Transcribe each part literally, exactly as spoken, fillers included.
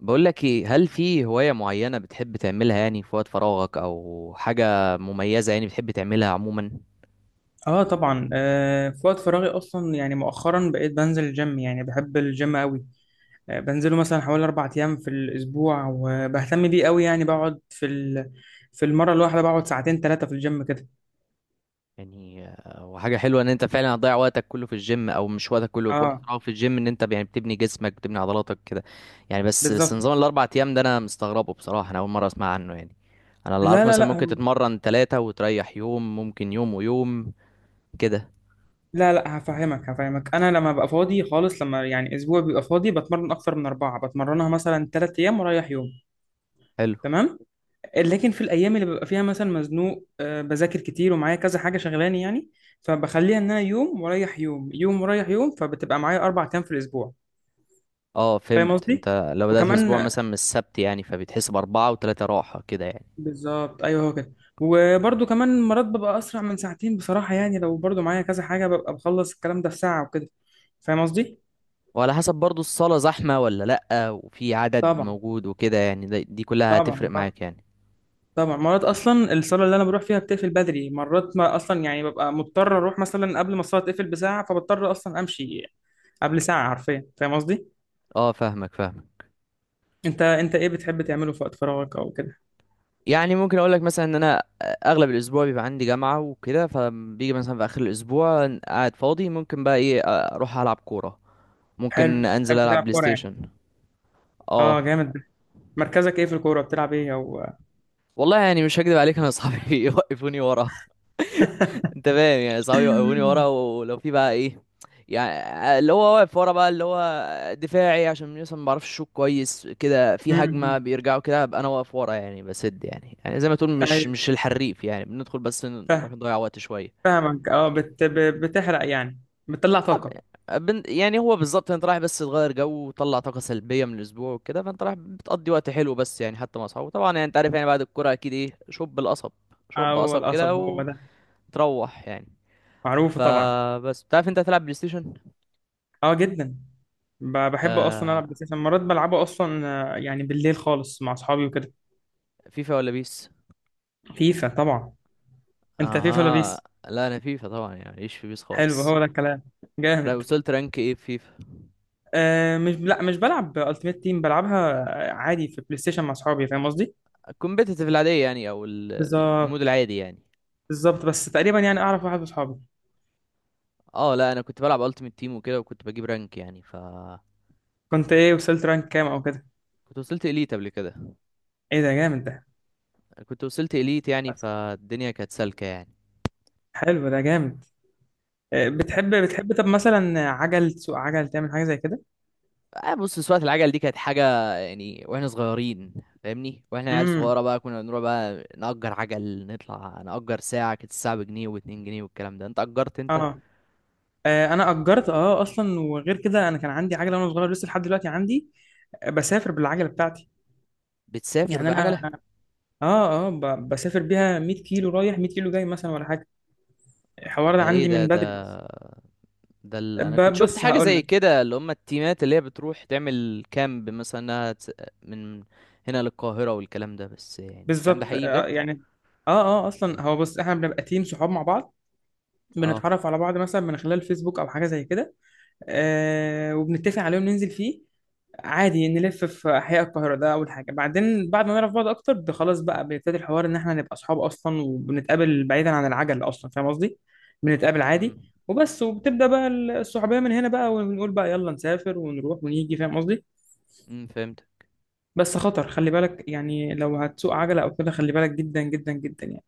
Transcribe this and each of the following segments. بقول لك ايه، هل في هواية معينة بتحب تعملها يعني في وقت فراغك او حاجة مميزة يعني بتحب تعملها عموما؟ اه طبعا، آه في وقت فراغي اصلا، يعني مؤخرا بقيت بنزل الجيم، يعني بحب الجيم قوي. آه بنزله مثلا حوالي اربع ايام في الاسبوع، وبهتم بيه قوي، يعني بقعد في ال... في المره الواحده بقعد ساعتين ثلاثه في الجيم كده. يعني آه، وحاجة حلوة ان انت فعلا هتضيع وقتك كله في الجيم، او مش وقتك كله، في وقت اه، فراغك في الجيم، ان انت يعني بتبني جسمك بتبني عضلاتك كده. يعني بس بس بالظبط. نظام الاربع ايام ده انا مستغربه بصراحة، انا اول مرة اسمع عنه يعني. انا اللي لا عارفه لا مثلا لا ممكن هو- تتمرن ثلاثة وتريح يوم، ممكن يوم ويوم كده. لا لا هفهمك هفهمك انا لما ببقى فاضي خالص، لما يعني اسبوع بيبقى فاضي بتمرن اكتر من اربعه، بتمرنها مثلا ثلاث ايام ورايح يوم. حلو. تمام. لكن في الايام اللي ببقى فيها مثلا مزنوق، آه، بذاكر كتير ومعايا كذا حاجه شغلاني يعني، فبخليها ان انا يوم ورايح يوم، يوم ورايح يوم، فبتبقى معايا اربع ايام في الاسبوع. اه فاهم فهمت، قصدي؟ انت لو بدأت وكمان، الاسبوع مثلا من السبت يعني، فبتحس باربعة وثلاثة راحة كده يعني. بالظبط، ايوه هو كده. وبرده كمان مرات ببقى اسرع من ساعتين بصراحه، يعني لو برده معايا كذا حاجه ببقى بخلص الكلام ده في ساعه وكده. فاهم قصدي؟ وعلى حسب برضو الصالة زحمة ولا لأ، وفي عدد طبعا. موجود وكده يعني، ده- دي كلها هتفرق طبعا، طبعا. معاك يعني. طبعا مرات اصلا الصلاه اللي انا بروح فيها بتقفل بدري، مرات ما اصلا يعني ببقى مضطر اروح مثلا قبل ما الصلاه تقفل بساعه، فبضطر اصلا امشي قبل ساعة حرفيا. فاهم قصدي؟ اه فاهمك فاهمك. انت انت ايه بتحب تعمله في وقت فراغك او كده؟ يعني ممكن اقول لك مثلا ان انا اغلب الاسبوع بيبقى عندي جامعة وكده، فبيجي مثلا في اخر الاسبوع قاعد فاضي، ممكن بقى ايه، اروح العب كورة، ممكن حلو، انزل بتحب العب تلعب بلاي كورة يعني. ستيشن. اه، اه. جامد. مركزك ايه في الكورة؟ بتلعب ايه او والله يعني مش هكدب عليك، انا اصحابي يوقفوني ورا. انت فاهم يعني، صحابي وقفوني ورا، ولو في بقى ايه، يعني اللي هو واقف ورا بقى، اللي هو دفاعي، عشان مثلا ما بعرفش اشوط كويس كده، في هجمه امم. بيرجعوا كده ابقى انا واقف ورا، يعني بسد، يعني يعني زي ما تقول مش ايوه، مش الحريف يعني، بندخل بس نروح فاهم. نضيع وقت شويه. فاهمك. اه بت... ب- بتحرق يعني، بتطلع طاقة. اه، بن- يعني هو بالظبط، انت رايح بس تغير جو وتطلع طاقه سلبيه من الاسبوع وكده، فانت رايح بتقضي وقت حلو، بس يعني حتى مع اصحابه طبعا، يعني انت عارف، يعني بعد الكوره اكيد ايه، شوب القصب. شوب هو قصب القصب كده هو ده، وتروح يعني. معروف طبعا. فبس بتعرف انت هتلعب بلاي ستيشن. اه، جدا. ب- بحب اصلا آه العب بلاي ستيشن، مرات بلعبه اصلا. آه، يعني بالليل خالص مع اصحابي وكده. فيفا ولا بيس؟ فيفا طبعا. انت فيفا ولا اها. بيس؟ لا انا فيفا طبعا يعني، ايش في بيس حلو، خالص. هو ده الكلام. لا، جامد. وصلت رانك ايه في فيفا؟ آه مش لا مش بلعب التيمت تيم، بلعبها عادي في بلاي ستيشن مع اصحابي. فاهم قصدي؟ الكومبيتيتيف العاديه يعني، او ال- ال- المود بالظبط، العادي يعني. بالظبط. بس تقريبا يعني اعرف واحد من اصحابي. اه لا انا كنت بلعب التيمت تيم وكده، وكنت بجيب رانك يعني، ف كنت ايه؟ وصلت رانك كام او كده؟ كنت وصلت اليت قبل كده. ايه ده، جامد ده. كنت وصلت اليت يعني، فالدنيا كانت سالكه يعني. حلو ده، جامد. آه بتحب، بتحب طب مثلا عجل، تسوق عجل، تعمل حاجه زي كده؟ آه بص، سواقة العجل دي كانت حاجة، يعني واحنا صغيرين. فاهمني، واحنا عيال امم صغيرة بقى كنا بنروح بقى نأجر عجل، نطلع نأجر ساعة، كانت الساعة بجنيه واتنين جنيه والكلام ده، انت أجرت انت؟ اه. آه، انا اجرت، اه اصلا، وغير كده انا كان عندي عجله وانا صغير، لسه لحد دلوقتي عندي. آه، بسافر بالعجله بتاعتي. بتسافر يعني انا، بعجلة؟ اه، اه ب- بسافر بيها مية كيلو رايح مائة كيلو جاي مثلا ولا حاجه. الحوار ده ده ايه عندي ده من بدري. ده ده ال... انا كنت ب- شفت بص حاجه هقول زي لك. كده، اللي هم التيمات اللي هي بتروح تعمل كامب، مثلا انها تس- من هنا للقاهره والكلام ده، بس يعني الكلام ده بالظبط. آه، حقيقي بجد. آه، يعني اه اه اصلا هو، بص، احنا بنبقى تيم صحاب مع بعض، اه. بنتعرف على بعض مثلا من خلال فيسبوك او حاجه زي كده. آه وبنتفق عليهم ننزل فيه، عادي نلف في احياء القاهره. ده اول حاجه، بعدين بعد ما نعرف بعض اكتر ب- خلاص بقى بيبتدي الحوار ان احنا نبقى اصحاب اصلا، وبنتقابل بعيدا عن العجل اصلا. فاهم قصدي؟ بنتقابل عادي، امم. وبس. وبتبدا بقى الصحوبيه من هنا بقى، ونقول بقى يلا نسافر ونروح ونيجي. فاهم قصدي؟ امم فهمت. بس خطر، خلي بالك يعني لو هتسوق عجلة أو كده خلي بالك جدا جدا جدا يعني.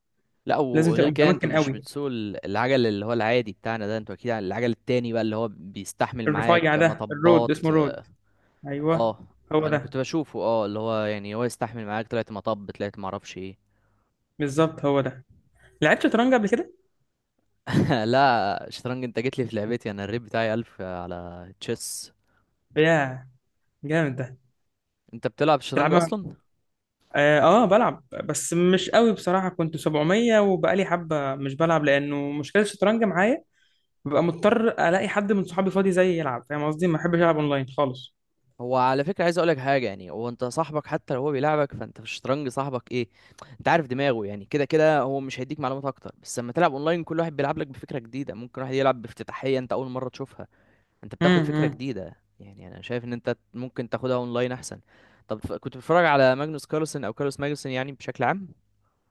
لا لازم وغير تبقى كده، انتوا متمكن مش قوي. بتسوقوا ال- العجل اللي هو العادي بتاعنا ده، انتوا اكيد على العجل التاني بقى، اللي هو بيستحمل الرفيع معاك ده الرود، مطبات. اسمه رود. أيوه، اه هو انا ده، كنت بشوفه، اه اللي هو يعني هو يستحمل معاك، طلعت مطب طلعت معرفش ايه. بالظبط، هو ده. لعبت شطرنج قبل كده؟ لا شطرنج؟ انت جيت لي في لعبتي، انا الريت بتاعي ألف على تشيس. ياه، جامد ده. انت بتلعب شطرنج تلعب؟ اصلا؟ آه، آه، بلعب بس مش قوي بصراحة. كنت سبعمية وبقالي حبة مش بلعب، لأنه مشكلة الشطرنج معايا ببقى مضطر ألاقي حد من صحابي فاضي زيي يلعب. فاهم قصدي؟ ما بحبش ألعب أونلاين خالص. هو على فكره عايز اقولك حاجه، يعني هو انت صاحبك حتى لو هو بيلعبك، فانت في الشطرنج صاحبك ايه، انت عارف دماغه، يعني كده كده هو مش هيديك معلومات اكتر، بس لما تلعب اونلاين كل واحد بيلعب لك بفكره جديده، ممكن واحد يلعب بافتتاحيه انت اول مره تشوفها، انت بتاخد فكره امم جديده. يعني انا شايف ان انت ممكن تاخدها اونلاين احسن. طب ف- كنت بتتفرج على ماجنوس كارلسن او كارلوس ماجنوسن يعني بشكل عام؟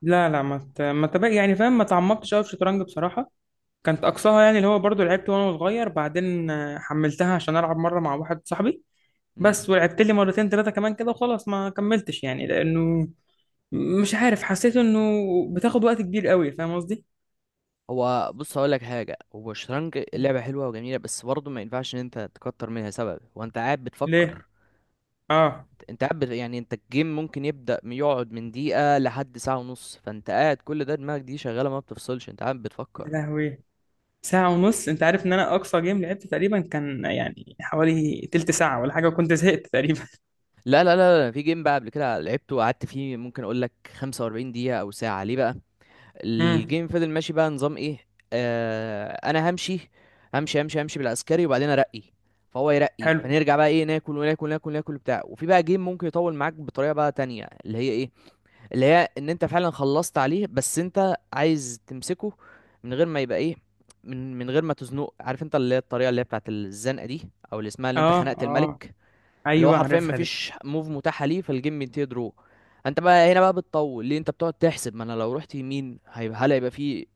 لا، لا، ما ت... ما تبقى يعني فاهم، ما تعمقتش قوي في الشطرنج بصراحة. كانت اقصاها يعني اللي هو برضو لعبت وانا صغير، بعدين آه، حملتها عشان العب مره مع واحد صاحبي، امم. بس ولعبت لي مرتين ثلاثه كمان كده وخلاص، ما كملتش يعني، لانه مش عارف، حسيت انه بتاخد وقت كبير قوي. فاهم قصدي؟ هو بص هقول لك حاجه، هو الشطرنج لعبه حلوه وجميله، بس برضه ما ينفعش ان انت تكتر منها، سبب وانت قاعد ليه؟ بتفكر، اه. انت قاعد بت- يعني انت الجيم ممكن يبدأ من- يقعد من دقيقة لحد ساعة ونص، فانت قاعد كل ده دماغك دي شغالة، ما بتفصلش، انت قاعد بتفكر. يا لهوي، ساعه ونص. انت عارف ان انا اقصى جيم لعبت تقريبا كان يعني حوالي تلت ساعه ولا حاجه، وكنت زهقت تقريبا. لا لا لا لا، في جيم بقى قبل كده لعبته وقعدت فيه ممكن اقول لك خمسة وأربعين دقيقة او ساعة، ليه بقى؟ امم الجيم فضل ماشي بقى نظام ايه، آه انا همشي، همشي همشي همشي بالعسكري وبعدين ارقي، فهو يرقي حلو. فنرجع بقى ايه، ناكل وناكل ناكل ناكل بتاع، وفي بقى جيم ممكن يطول معاك بطريقة بقى تانية، اللي هي ايه، اللي هي ان انت فعلا خلصت عليه بس انت عايز تمسكه، من غير ما يبقى ايه، من من غير ما تزنقه، عارف انت اللي هي الطريقه اللي هي بتاعت الزنقه دي، او اللي اسمها اللي انت اه، خنقت اه، الملك، اللي هو ايوه، حرفيا عارفها دي. مفيش موف متاحه ليه، فالجيم بينتهي درو. انت بقى هنا بقى بتطول ليه، انت بتقعد تحسب، ما انا لو رحت يمين هيبقى، هل هيبقى في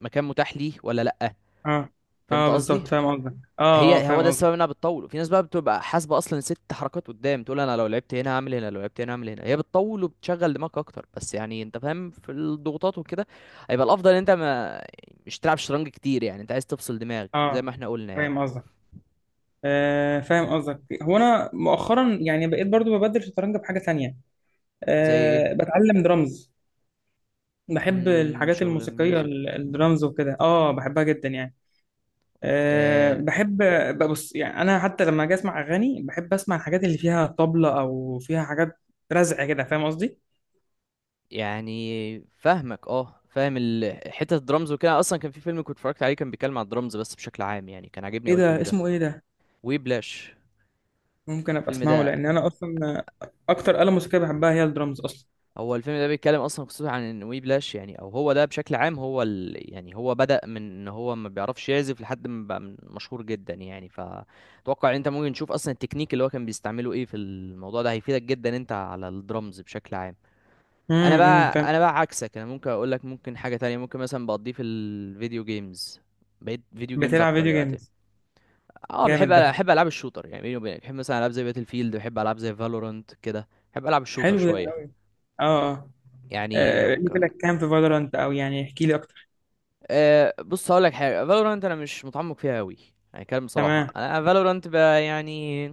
مكان متاح ليه ولا لا. اه، فهمت اه، بالظبط، قصدي. فاهم قصدك. اه، اه، هي هو ده فاهم قصدك. السبب انها بتطول، وفي ناس بقى بتبقى حاسبه اصلا ست حركات قدام، تقول انا لو لعبت هنا هعمل هنا، لو لعبت هنا هعمل هنا، هي بتطول وبتشغل دماغك اكتر، بس يعني انت فاهم في الضغوطات وكده، هيبقى الافضل ان انت ما مش تلعب شطرنج كتير، يعني انت عايز تفصل دماغك زي ما اه، احنا قلنا يعني. فاهم قصدك. آه، فاهم قصدك. هو انا مؤخرا يعني بقيت برضو ببدل شطرنج بحاجه تانية. زي ايه؟ أه، بتعلم درامز. بحب امم الحاجات شغل الموسيقيه، الميوزك. ال- الدرامز وكده، اه بحبها جدا يعني. أه، آه. بحب. ببص يعني انا حتى لما اجي اسمع اغاني بحب اسمع الحاجات اللي فيها طبلة، او فيها حاجات رزع كده. فاهم قصدي؟ يعني فاهمك، اه فاهم ال- حته الدرامز وكده، اصلا كان في فيلم كنت اتفرجت عليه كان بيتكلم عن الدرامز، بس بشكل عام يعني كان عاجبني ايه اول ده؟ الفيلم ده. اسمه ايه ده؟ وبلاش. ممكن ابقى الفيلم اسمعه، ده، لان انا اصلا اكتر آلة موسيقيه بحبها هي الدرامز اصلا. هو الفيلم ده بيتكلم اصلا قصته عن ان، وي بلاش يعني، او هو ده بشكل عام، هو ال... يعني هو بدأ من ان هو ما بيعرفش يعزف لحد ما بقى من- مشهور جدا يعني، فتوقع ان انت ممكن تشوف اصلا التكنيك اللي هو كان بيستعمله ايه في الموضوع ده، هيفيدك جدا انت على الدرمز بشكل عام. انا امم أمم، بقى فاهم. انا بقى عكسك، انا ممكن اقول لك ممكن حاجة تانية، ممكن مثلا بقضيه في الفيديو جيمز، بقيت فيديو جيمز بتلعب اكتر فيديو يا وقتي. جيمز؟ اه بحب جامد ده. بحب العاب الشوتر، يعني بيني وبينك بحب مثلا العاب زي باتل فيلد، بحب العاب زي فالورانت كده، بحب العب الشوتر حلو ده. شوية. اه. آه. يعني آه، وكان، ليفلك كام في فالورانت؟ او يعني احكي لي اكتر. أه بص هقول لك حاجه، فالورانت انا مش متعمق فيها قوي، يعني كلام بصراحه، تمام. انا فالورانت بقى يعني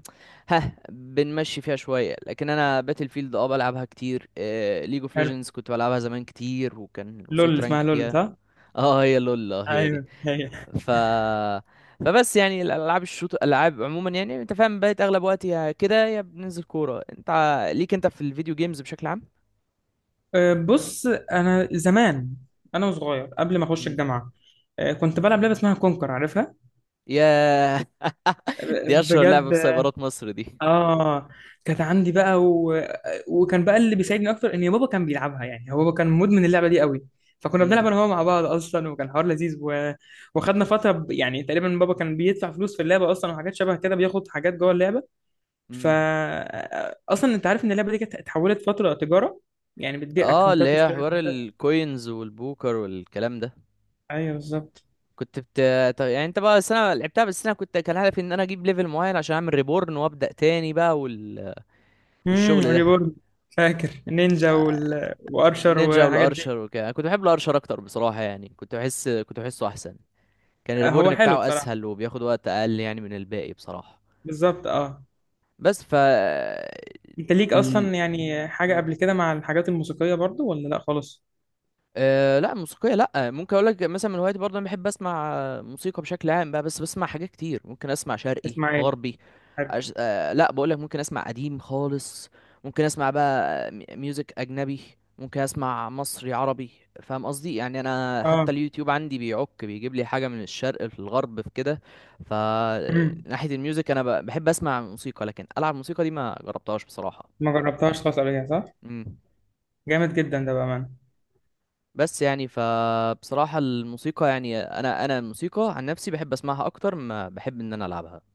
ها بنمشي فيها شويه، لكن انا باتل فيلد اه بلعبها كتير، أه ليج اوف حلو. ليجندز كنت بلعبها زمان كتير، وكان لول وصلت رانك اسمها، لول، فيها. صح؟ اه هي لول، اه هي دي. ايوه هي. ف فبس يعني الالعاب الشوت الالعاب عموما، يعني انت فاهم بقيت اغلب وقتي يا كده يا بننزل كوره، انت ع- ليك انت في الفيديو جيمز بشكل عام؟ آه، بص، انا زمان، انا وصغير قبل ما اخش مم. الجامعه، آه، كنت بلعب لعبه اسمها كونكر. عارفها؟ يا آه، دي اشهر بجد. لعبه في سايبرات مصر دي. اه، كانت عندي بقى و... وكان بقى اللي بيساعدني اكتر ان بابا كان بيلعبها، يعني هو بابا كان مدمن اللعبه دي قوي، فكنا بنلعب مم. انا وهو مع بعض اصلا، وكان حوار لذيذ و... وخدنا فتره ب... يعني تقريبا بابا كان بيدفع فلوس في اللعبه اصلا، وحاجات شبه كده، بياخد حاجات جوه اللعبه. فا امم. اصلا انت عارف ان اللعبه دي كانت اتحولت فتره تجاره، يعني بتبيع اه اللي اكونتات هي واشتري حوار اكونتات. الكوينز والبوكر والكلام ده. ايوه، بالظبط. كنت بت... طب يعني انت بقى، بس انا لعبتها بس انا كنت كان هدفي ان انا اجيب ليفل معين عشان اعمل ريبورن وابدا تاني بقى، وال... امم والشغل ده. ريبورن. فاكر نينجا آه، وال... وارشر النينجا والحاجات والارشر دي؟ وكده، انا كنت بحب الارشر اكتر بصراحه، يعني كنت بحس كنت بحسه احسن، كان هو الريبورن حلو بتاعه بصراحه. اسهل وبياخد وقت اقل يعني من الباقي بصراحه. بالظبط، اه. بس ف انت ليك ال... اصلا يعني حاجه قبل كده مع الحاجات الموسيقيه برضو ولا لا خالص؟ أه لا موسيقية، لا ممكن اقول لك مثلا من هوايتي برضه، انا بحب اسمع آه، موسيقى بشكل عام بقى، بس بسمع حاجات كتير، ممكن اسمع شرقي اسمع ايه؟ غربي، حلو. أش... أه لا بقول لك، ممكن اسمع قديم خالص، ممكن اسمع بقى مي- ميوزك اجنبي، ممكن اسمع مصري عربي. فاهم قصدي، يعني انا اه. حتى اليوتيوب عندي بيعك بيجيب لي حاجة من الشرق في الغرب في كده. ف امم ناحية الميوزك انا ب- بحب اسمع موسيقى، لكن العب موسيقى دي ما جربتهاش بصراحة. ما جربتهاش خالص قبل كده، صح؟ إمم. جامد جدا ده بامانه. بس يعني فبصراحة الموسيقى، يعني انا انا الموسيقى عن نفسي بحب اسمعها اكتر ما بحب ان انا العبها.